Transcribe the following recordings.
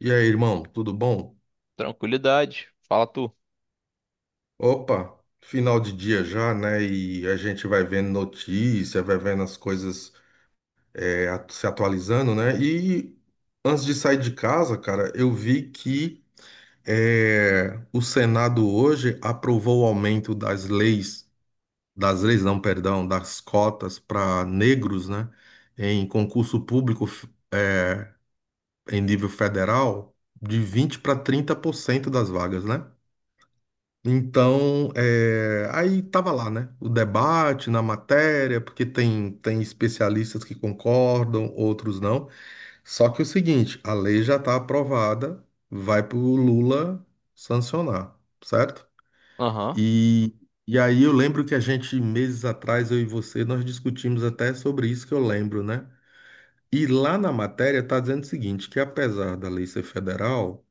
E aí, irmão, tudo bom? Tranquilidade. Fala tu. Opa, final de dia já, né? E a gente vai vendo notícia, vai vendo as coisas se atualizando, né? E antes de sair de casa, cara, eu vi que o Senado hoje aprovou o aumento das leis não, perdão, das cotas para negros, né? Em concurso público f- Em nível federal, de 20 para 30% das vagas, né? Então, aí tava lá, né? O debate na matéria, porque tem especialistas que concordam, outros não. Só que é o seguinte, a lei já está aprovada, vai para o Lula sancionar, certo? Aham. E, e aí eu lembro que a gente, meses atrás, eu e você, nós discutimos até sobre isso que eu lembro, né? E lá na matéria está dizendo o seguinte, que apesar da lei ser federal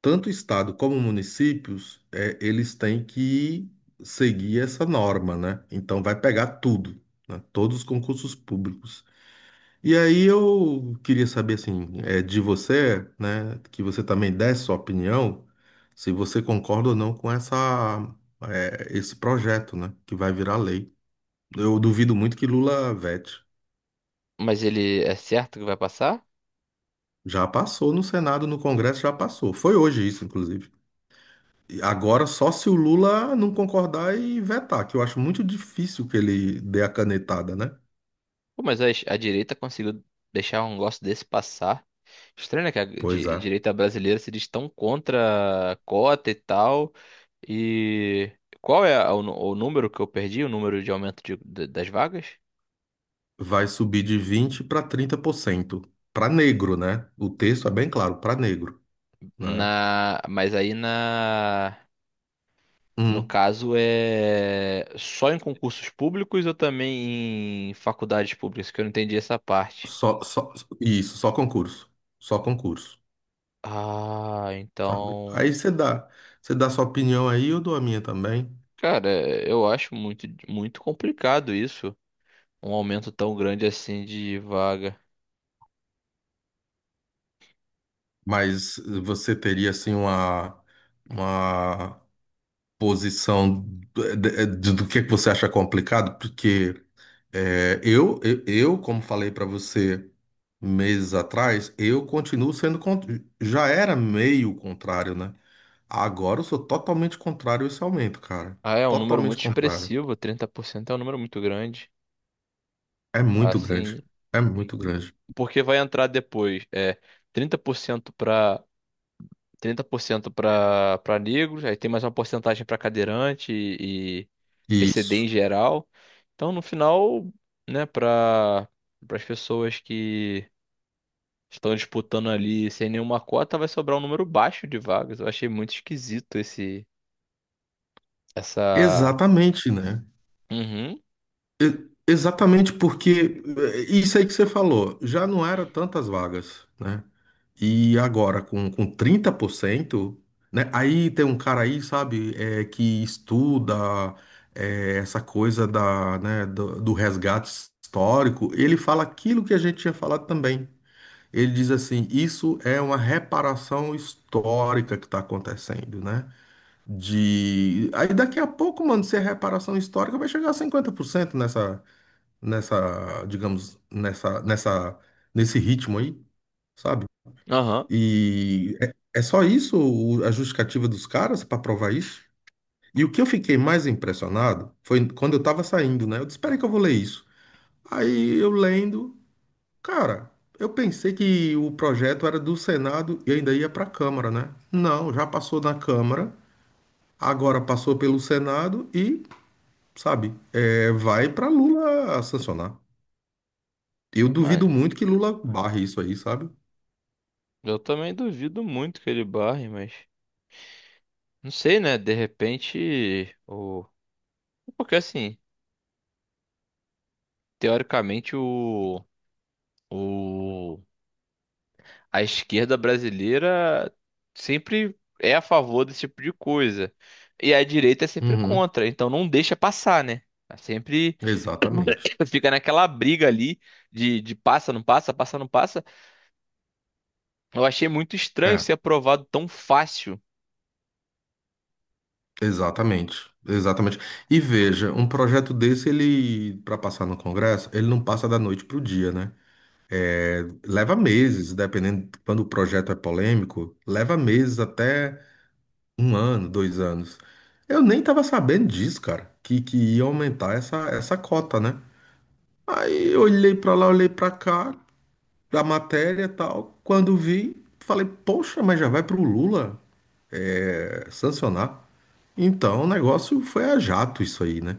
tanto o estado como municípios, eles têm que seguir essa norma, né? Então vai pegar tudo, né? Todos os concursos públicos. E aí eu queria saber assim, de você, né? Que você também desse sua opinião, se você concorda ou não com esse projeto, né? Que vai virar lei. Eu duvido muito que Lula vete. Mas ele é certo que vai passar? Já passou no Senado, no Congresso já passou. Foi hoje isso, inclusive. Agora, só se o Lula não concordar e vetar, que eu acho muito difícil que ele dê a canetada, né? Pô, mas a direita conseguiu deixar um negócio desse passar. Estranho, né? Que a Pois é. direita brasileira se diz tão contra a cota e tal. E qual é o número que eu perdi? O número de aumento das vagas? Vai subir de 20 para trinta por cento. Para negro, né? O texto é bem claro, para negro, né? Na, mas aí na, No Hum, caso é só em concursos públicos ou também em faculdades públicas? Que eu não entendi essa parte. só, só, isso, só concurso. Só concurso, Ah, sabe? então. Você dá sua opinião aí, eu dou a minha também. Cara, eu acho muito, muito complicado isso, um aumento tão grande assim de vaga. Mas você teria, assim, uma posição do que é que você acha complicado, porque eu, como falei para você meses atrás, eu continuo sendo, con- já era meio contrário, né? Agora eu sou totalmente contrário a esse aumento, cara. Ah, é um número Totalmente muito contrário. expressivo, 30% é um número muito grande. É muito grande. Assim, É muito grande. porque vai entrar depois, é 30% para 30% para negros, aí tem mais uma porcentagem para cadeirante e PCD Isso. em geral. Então, no final, né, para as pessoas que estão disputando ali sem nenhuma cota, vai sobrar um número baixo de vagas. Eu achei muito esquisito essa. Exatamente, né? Uhum, Exatamente porque isso aí que você falou, já não era tantas vagas, né? E agora com 30%, né? Aí tem um cara aí, sabe, que estuda essa coisa da, né, do resgate histórico, ele fala aquilo que a gente tinha falado também. Ele diz assim, isso é uma reparação histórica que está acontecendo, né? De... Aí daqui a pouco, mano, se é reparação histórica, vai chegar a 50% digamos, nesse ritmo aí, sabe? aham. E é só isso a justificativa dos caras para provar isso? E o que eu fiquei mais impressionado foi quando eu tava saindo, né? Eu disse, espera aí que eu vou ler isso. Aí eu lendo, cara, eu pensei que o projeto era do Senado e ainda ia para a Câmara, né? Não, já passou na Câmara, agora passou pelo Senado e, sabe, vai para Lula sancionar. Eu duvido Mas muito que Lula barre isso aí, sabe? eu também duvido muito que ele barre, mas não sei, né? De repente, o porque assim, teoricamente o a esquerda brasileira sempre é a favor desse tipo de coisa. E a direita é sempre Uhum. contra, então não deixa passar, né? É sempre Exatamente. fica naquela briga ali de passa, não passa, passa, não passa. Eu achei muito estranho É, ser aprovado tão fácil. exatamente. Exatamente. E veja, um projeto desse, ele, para passar no Congresso, ele não passa da noite pro dia, né? Leva meses, dependendo de quando o projeto é polêmico, leva meses até um ano, dois anos. Eu nem tava sabendo disso, cara, que ia aumentar essa cota, né? Aí eu olhei pra lá, olhei pra cá, da matéria e tal. Quando vi, falei, poxa, mas já vai pro Lula? Sancionar. Então, o negócio foi a jato isso aí, né?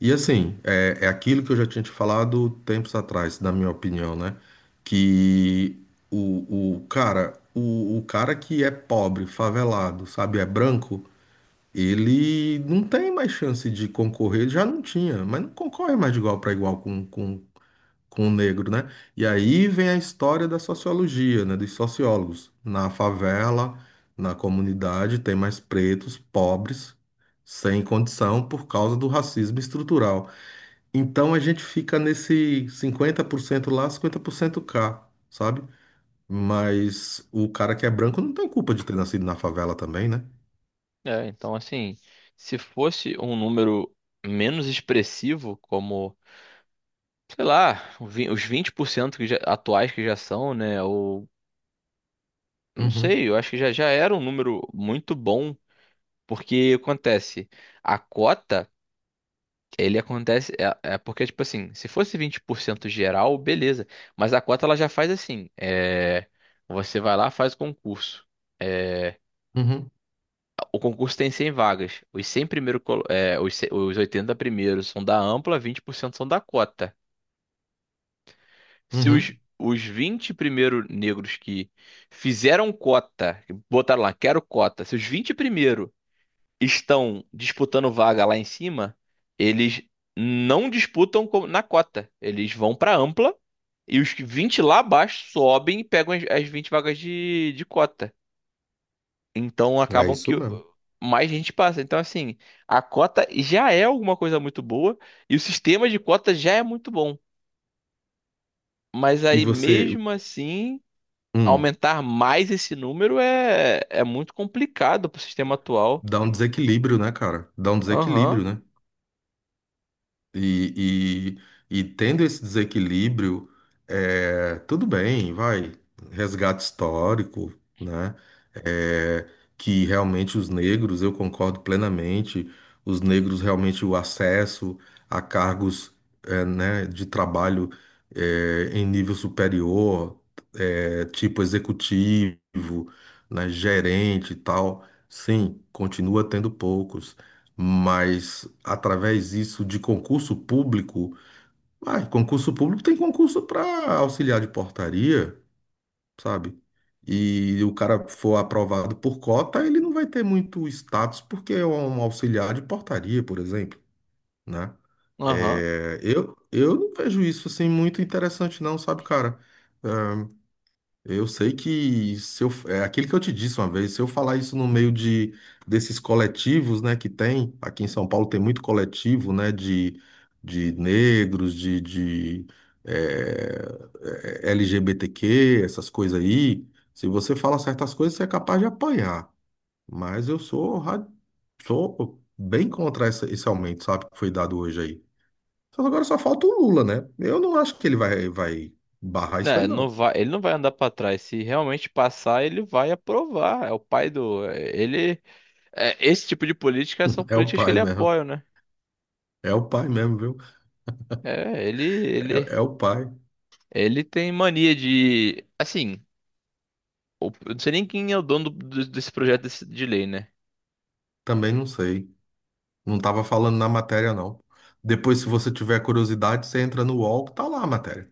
E assim, é aquilo que eu já tinha te falado tempos atrás, na minha opinião, né? Que o cara, o cara que é pobre, favelado, sabe, é branco, ele não tem mais chance de concorrer, ele já não tinha, mas não concorre mais de igual para igual com o negro, né? E aí vem a história da sociologia, né? Dos sociólogos. Na favela, na comunidade, tem mais pretos, pobres, sem condição por causa do racismo estrutural. Então a gente fica nesse 50% lá, 50% cá, sabe? Mas o cara que é branco não tem culpa de ter nascido na favela também, né? É, então, assim, se fosse um número menos expressivo, como, sei lá, os 20% atuais que já são, né? Ou, não Uhum, sei, eu acho que já, já era um número muito bom. Porque acontece, a cota. Ele acontece. É, é porque, tipo assim, se fosse 20% geral, beleza. Mas a cota ela já faz assim: é, você vai lá, faz o concurso. É, uhum, o concurso tem 100 vagas. Os 100 primeiro, 100, os 80 primeiros são da ampla, 20% são da cota. Se os, uhum. os 20 primeiros negros que fizeram cota, que botaram lá, quero cota, se os 20 estão disputando vaga lá em cima, eles não disputam na cota. Eles vão para ampla e os que 20 lá abaixo sobem e pegam as 20 vagas de cota. Então É acabam que isso mesmo. mais gente passa. Então, assim, a cota já é alguma coisa muito boa e o sistema de cota já é muito bom. Mas E aí, você, mesmo assim, hum, aumentar mais esse número é, é muito complicado pro sistema atual. dá um desequilíbrio, né, cara? Dá um Aham, desequilíbrio, né? E, e tendo esse desequilíbrio, tudo bem, vai, resgate histórico, né? É, que realmente os negros, eu concordo plenamente, os negros realmente o acesso a cargos, né, de trabalho, em nível superior, tipo executivo, né, gerente e tal, sim, continua tendo poucos mas através disso de concurso público, ah, concurso público tem concurso para auxiliar de portaria, sabe? E o cara for aprovado por cota, ele não vai ter muito status porque é um auxiliar de portaria, por exemplo, né? aham. É, eu não vejo isso assim muito interessante não, sabe, cara? É, eu sei que se eu, é aquilo que eu te disse uma vez, se eu falar isso no meio de desses coletivos, né, que tem, aqui em São Paulo tem muito coletivo, né, de negros, eh, LGBTQ, essas coisas aí. Se você fala certas coisas, você é capaz de apanhar. Mas sou bem contra esse aumento, sabe, que foi dado hoje aí. Só que agora só falta o Lula, né? Eu não acho que ele vai barrar isso Né, aí, não não. vai, ele não vai andar pra trás. Se realmente passar, ele vai aprovar. É o pai do. Ele. É, esse tipo de política são É o políticas que pai ele mesmo. apoia, né? É o pai mesmo, viu? É, É, é o pai. ele tem mania de. Assim, o- eu não sei nem quem é o dono desse projeto de lei, né? Também não sei. Não tava falando na matéria, não. Depois, se você tiver curiosidade, você entra no UOL, que tá lá a matéria,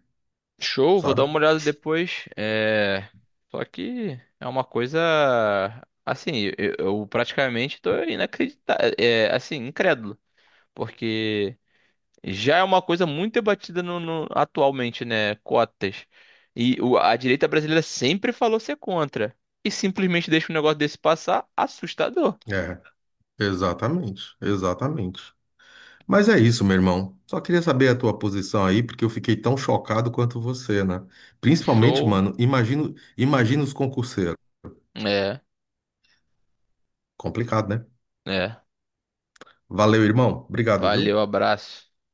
Show, vou dar sabe? uma olhada depois. É, só que é uma coisa. Assim, eu praticamente tô inacreditado. É, assim, incrédulo. Porque. Já é uma coisa muito debatida atualmente, né? Cotas. E a direita brasileira sempre falou ser contra. E simplesmente deixa um negócio desse passar, assustador. É, exatamente, exatamente. Mas é isso, meu irmão. Só queria saber a tua posição aí, porque eu fiquei tão chocado quanto você, né? Principalmente, Show. mano, imagino, imagino os concurseiros. É, Complicado, né? é. Valeu, irmão. Obrigado, viu? Valeu, abraço.